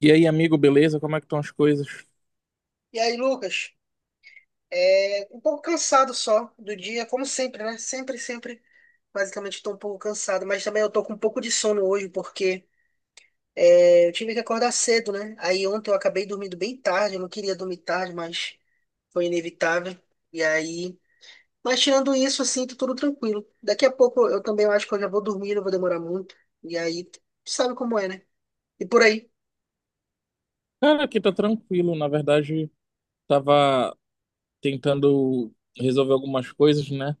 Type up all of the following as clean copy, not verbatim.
E aí, amigo, beleza? Como é que estão as coisas? E aí, Lucas, um pouco cansado só do dia, como sempre, né? Basicamente, estou um pouco cansado, mas também eu tô com um pouco de sono hoje, porque eu tive que acordar cedo, né? Aí ontem eu acabei dormindo bem tarde, eu não queria dormir tarde, mas foi inevitável. E aí, mas tirando isso, assim, tô tudo tranquilo. Daqui a pouco eu também acho que eu já vou dormir, não vou demorar muito. E aí, tu sabe como é, né? E por aí. Cara, aqui tá tranquilo. Na verdade, tava tentando resolver algumas coisas, né?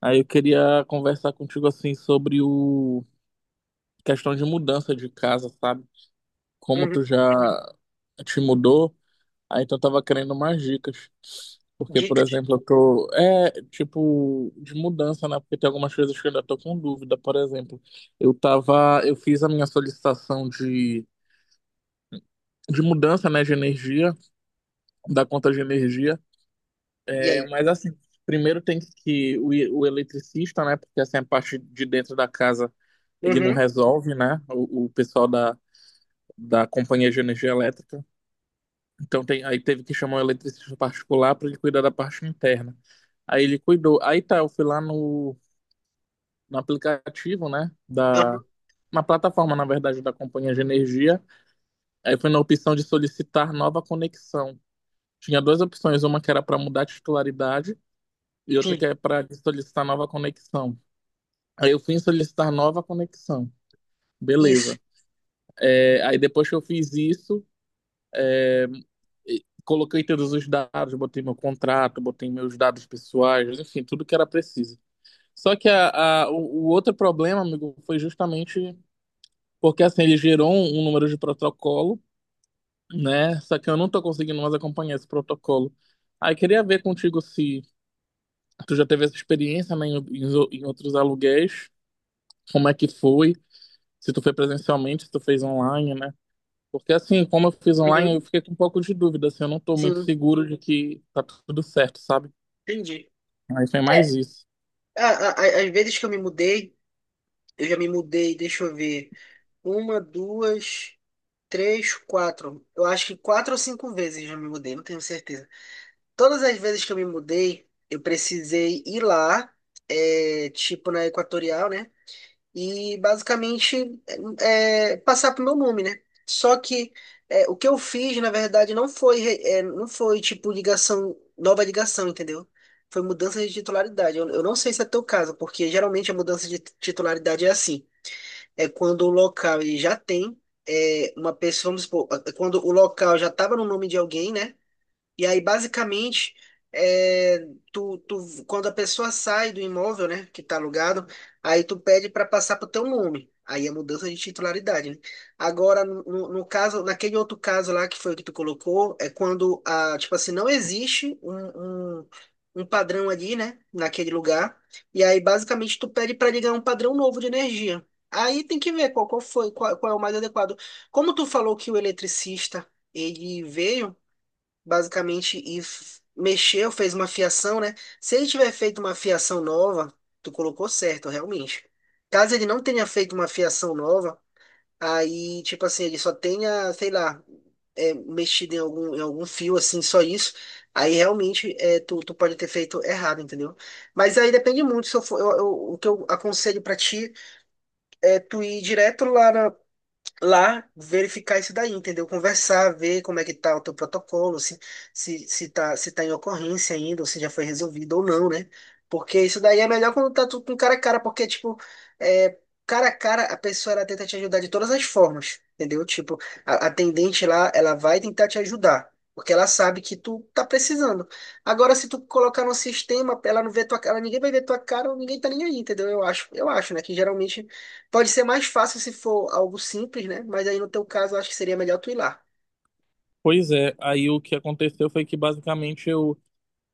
Aí eu queria conversar contigo assim sobre o questão de mudança de casa, sabe? Como Uhum. tu já te mudou, aí então eu tava querendo mais dicas. Porque, por Dicas. exemplo, eu tô. É, tipo, de mudança, né? Porque tem algumas coisas que eu ainda tô com dúvida. Por exemplo, eu tava. Eu fiz a minha solicitação de mudança, né? De energia. Da conta de energia. E É, aí? mas assim, primeiro tem que o eletricista, né? Porque assim, a parte de dentro da casa ele não Uhum. resolve, né? O pessoal da companhia de energia elétrica. Então tem, aí teve que chamar um eletricista particular para ele cuidar da parte interna. Aí ele cuidou. Aí tá, eu fui lá no aplicativo, né? Da, Uhum. na plataforma, na verdade, da companhia de energia. Aí foi na opção de solicitar nova conexão. Tinha duas opções, uma que era para mudar a titularidade e outra que Sim. é para solicitar nova conexão. Aí eu fui solicitar nova conexão. Isso. Beleza. É, aí depois que eu fiz isso, coloquei todos os dados, botei meu contrato, botei meus dados pessoais, enfim, tudo que era preciso. Só que o outro problema, amigo, foi justamente porque assim, ele gerou um, um número de protocolo, né? Só que eu não tô conseguindo mais acompanhar esse protocolo. Aí queria ver contigo se tu já teve essa experiência, né, em outros aluguéis, como é que foi. Se tu foi presencialmente, se tu fez online, né? Porque assim, como eu fiz online, eu Uhum. fiquei com um pouco de dúvida, assim, eu não tô muito Sim. seguro de que tá tudo certo, sabe? Entendi. Aí foi mais É, isso. Às vezes que eu me mudei, eu já me mudei, deixa eu ver, uma, duas, três, quatro. Eu acho que quatro ou cinco vezes eu já me mudei, não tenho certeza. Todas as vezes que eu me mudei, eu precisei ir lá, tipo na Equatorial, né? E basicamente passar pro meu nome, né? Só que o que eu fiz, na verdade, não foi tipo ligação, nova ligação, entendeu? Foi mudança de titularidade. Eu não sei se é teu caso, porque geralmente a mudança de titularidade é assim. É quando o local ele já tem uma pessoa, vamos supor, é quando o local já estava no nome de alguém, né? E aí, basicamente, é, quando a pessoa sai do imóvel, né, que tá alugado, aí tu pede para passar para o teu nome. Aí é mudança de titularidade, né? Agora, no caso, naquele outro caso lá que foi o que tu colocou, é quando, a, tipo assim, não existe um padrão ali, né, naquele lugar. E aí, basicamente, tu pede para ligar um padrão novo de energia. Aí tem que ver qual é o mais adequado. Como tu falou que o eletricista ele veio basicamente e mexeu, fez uma fiação, né? Se ele tiver feito uma fiação nova, tu colocou certo, realmente. Caso ele não tenha feito uma fiação nova, aí, tipo assim, ele só tenha, sei lá, mexido em algum fio, assim, só isso, aí realmente tu pode ter feito errado, entendeu? Mas aí depende muito, se eu for, eu- eu- o que eu aconselho pra ti é tu ir direto lá verificar isso daí, entendeu? Conversar, ver como é que tá o teu protocolo, se tá em ocorrência ainda, ou se já foi resolvido ou não, né? Porque isso daí é melhor quando tá tudo com cara a cara, porque, tipo, é, cara a cara, a pessoa, ela tenta te ajudar de todas as formas, entendeu? Tipo, a atendente lá, ela vai tentar te ajudar. Porque ela sabe que tu tá precisando. Agora, se tu colocar no sistema, ela não vê tua cara, ninguém vai ver tua cara, ninguém tá nem aí, entendeu? Eu acho, né? Que geralmente pode ser mais fácil se for algo simples, né? Mas aí no teu caso, eu acho que seria melhor tu ir lá. Pois é, aí o que aconteceu foi que basicamente eu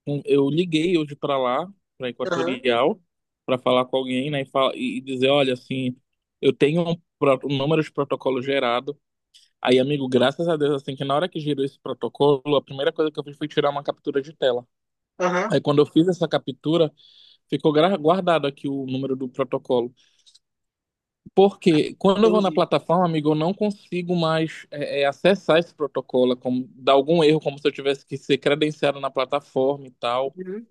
um, eu liguei hoje pra lá, pra Aham, Equatorial, pra falar com alguém, né, e, fala, e dizer, olha, assim, eu tenho um número de protocolo gerado. Aí, amigo, graças a Deus, assim, que na hora que gerou esse protocolo, a primeira coisa que eu fiz foi tirar uma captura de tela. aham, Aí quando eu fiz essa captura, ficou guardado aqui o número do protocolo. Porque quando eu vou na entendi. plataforma, amigo, eu não consigo mais acessar esse protocolo. É como, dá algum erro, como se eu tivesse que ser credenciado na plataforma e tal. Uhum,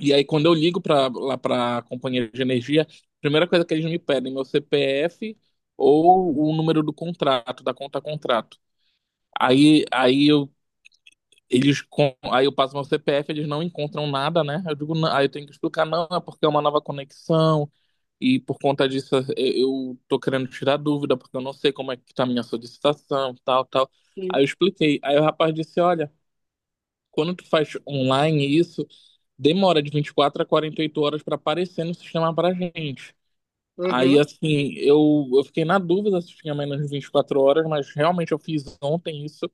E aí, quando eu ligo para lá para a companhia de energia, a primeira coisa que eles me pedem é meu CPF ou o número do contrato, da conta contrato. Aí eu eles com... Aí eu passo meu CPF, eles não encontram nada, né? Eu digo, não. Aí eu tenho que explicar, não, é porque é uma nova conexão e por conta disso eu tô querendo tirar dúvida porque eu não sei como é que tá a minha solicitação, tal, tal. Aí sim, eu expliquei. Aí o rapaz disse, olha, quando tu faz online isso, demora de 24 a 48 horas para aparecer no sistema pra gente. Aí uhum, assim, eu fiquei na dúvida se tinha menos de 24 horas, mas realmente eu fiz ontem isso,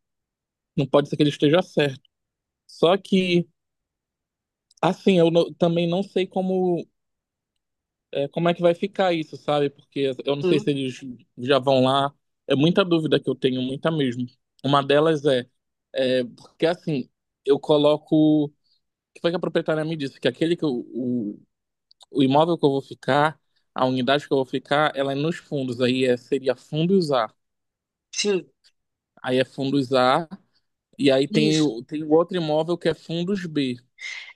não pode ser que ele esteja certo. Só que assim, eu também não sei como é que vai ficar isso, sabe? Porque eu não sei se sim, eles já vão lá. É muita dúvida que eu tenho, muita mesmo. Uma delas é, é porque assim, eu coloco. O que foi que a proprietária me disse? Que aquele que o imóvel que eu vou ficar, a unidade que eu vou ficar, ela é nos fundos. Aí é, seria fundos A. sim, Aí é fundos A. E aí tem, isso. Tem o outro imóvel que é fundos B.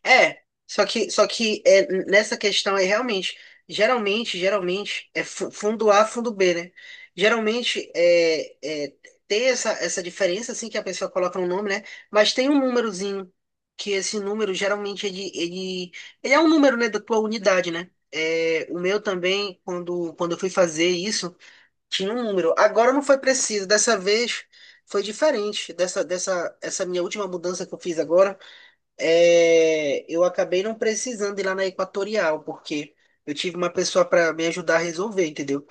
É, nessa questão aí, realmente, geralmente, é fundo A, fundo B, né? Geralmente, tem essa, essa diferença, assim, que a pessoa coloca um nome, né? Mas tem um númerozinho, que esse número, geralmente, ele é um número, né, da tua unidade, né? É, o meu também, quando eu fui fazer isso, tinha um número. Agora não foi preciso, dessa vez foi diferente, essa minha última mudança que eu fiz agora, eu acabei não precisando ir lá na Equatorial, porque eu tive uma pessoa para me ajudar a resolver, entendeu?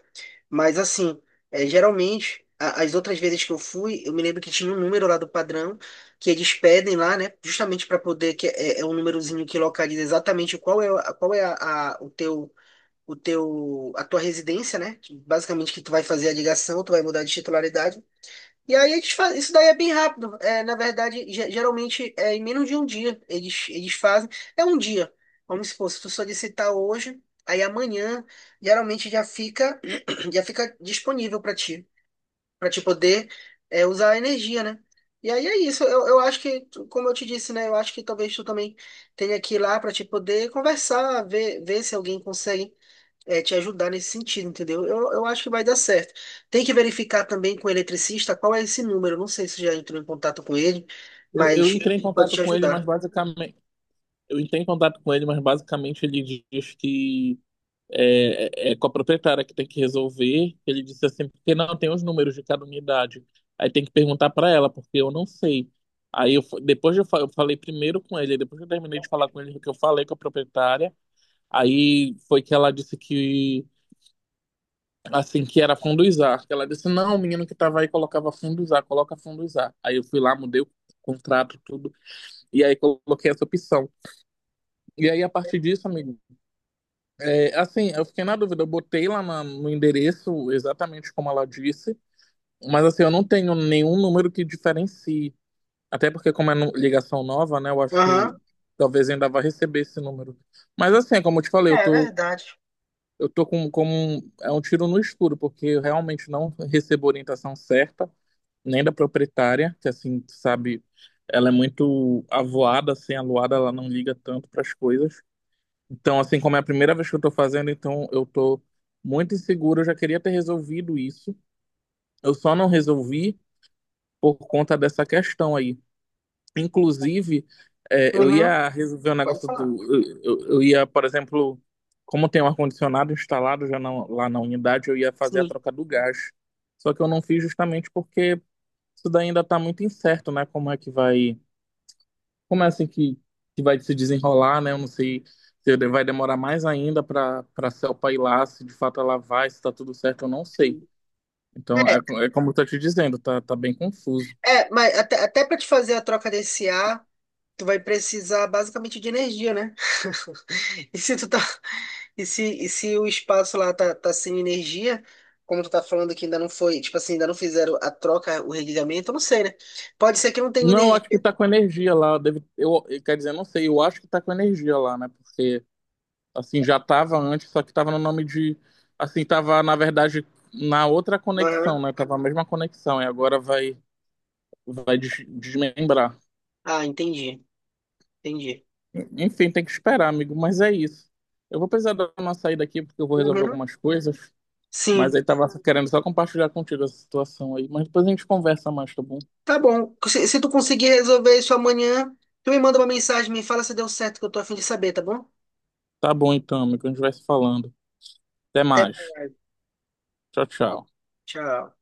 Mas assim, é, geralmente, as outras vezes que eu fui, eu me lembro que tinha um número lá do padrão que eles pedem lá, né? Justamente para poder, é um númerozinho que localiza exatamente qual é o teu. O teu, a tua residência, né? Que basicamente, que tu vai fazer a ligação, tu vai mudar de titularidade. E aí eles fazem, isso daí é bem rápido. É, na verdade, geralmente é em menos de um dia eles, eles fazem. É um dia. Vamos supor, se tu solicitar hoje, aí amanhã geralmente já fica já fica disponível para ti, para te poder usar a energia, né? E aí é isso. Eu acho que, tu- como eu te disse, né? Eu acho que talvez tu também tenha que ir lá para te poder conversar, ver se alguém consegue te ajudar nesse sentido, entendeu? Eu acho que vai dar certo. Tem que verificar também com o eletricista qual é esse número. Não sei se já entrou em contato com ele, Eu mas entrei em ele pode contato te com ele, mas ajudar. basicamente. Eu entrei em contato com ele, mas basicamente ele diz que é, é com a proprietária que tem que resolver. Ele disse assim, porque não tem os números de cada unidade. Aí tem que perguntar para ela, porque eu não sei. Aí eu, depois eu, eu falei primeiro com ele, depois eu terminei de falar com ele, que eu falei com a proprietária. Aí foi que ela disse que assim que era funduzar. Ela disse, não, o menino que tava aí colocava funduzar, coloca funduzar. Aí eu fui lá, mudei o contrato, tudo, e aí coloquei essa opção. E aí, a partir disso, amigo, é, assim, eu fiquei na dúvida, eu botei lá no endereço exatamente como ela disse, mas assim, eu não tenho nenhum número que diferencie. Até porque, como é ligação nova, né, eu acho Aham, que talvez ainda vá receber esse número. Mas assim, é como eu te falei, é verdade. eu tô com um, é um tiro no escuro, porque eu realmente não recebo orientação certa, nem da proprietária, que assim, tu sabe, ela é muito avoada, assim, aluada, ela não liga tanto para as coisas. Então, assim, como é a primeira vez que eu tô fazendo, então eu tô muito inseguro. Eu já queria ter resolvido isso. Eu só não resolvi por conta dessa questão aí. Inclusive, é, eu Uhum, ia resolver o pode negócio falar. do. Eu ia, por exemplo, como tem um ar-condicionado instalado já lá na unidade, eu ia fazer a Sim, troca do gás. Só que eu não fiz justamente porque isso daí ainda tá muito incerto, né? Como é que vai. Como é assim que vai se desenrolar, né? Eu não sei se vai demorar mais ainda para Selpa ir lá, se de fato ela vai, se está tudo certo, eu não sei. sim. Então, É, é, é como eu tô te dizendo, tá, tá bem confuso. Mas até para te fazer a troca desse ar, tu vai precisar basicamente de energia, né? E se tu tá, e se o espaço lá tá, tá sem energia, como tu tá falando que ainda não foi, tipo assim, ainda não fizeram a troca, o religamento, eu não sei, né? Pode ser que não tenha Não, eu energia. acho que tá com energia lá. Deve, quer dizer, eu não sei, eu acho que tá com energia lá, né? Porque, assim, já tava antes, só que tava no nome de. Assim, tava, na verdade, na outra conexão, Aham. né? Tava a mesma conexão, e agora vai, vai desmembrar. Ah, entendi, entendi. Enfim, tem que esperar, amigo, mas é isso. Eu vou precisar dar uma saída aqui porque eu vou resolver Uhum. algumas coisas, mas Sim, aí tava querendo só compartilhar contigo essa situação aí, mas depois a gente conversa mais, tá bom? tá bom. Se tu conseguir resolver isso amanhã, tu me manda uma mensagem, me fala se deu certo, que eu tô a fim de saber, tá bom? Tá bom então, amigo, a gente vai se falando. Até Até. mais. Tchau, tchau. Tchau.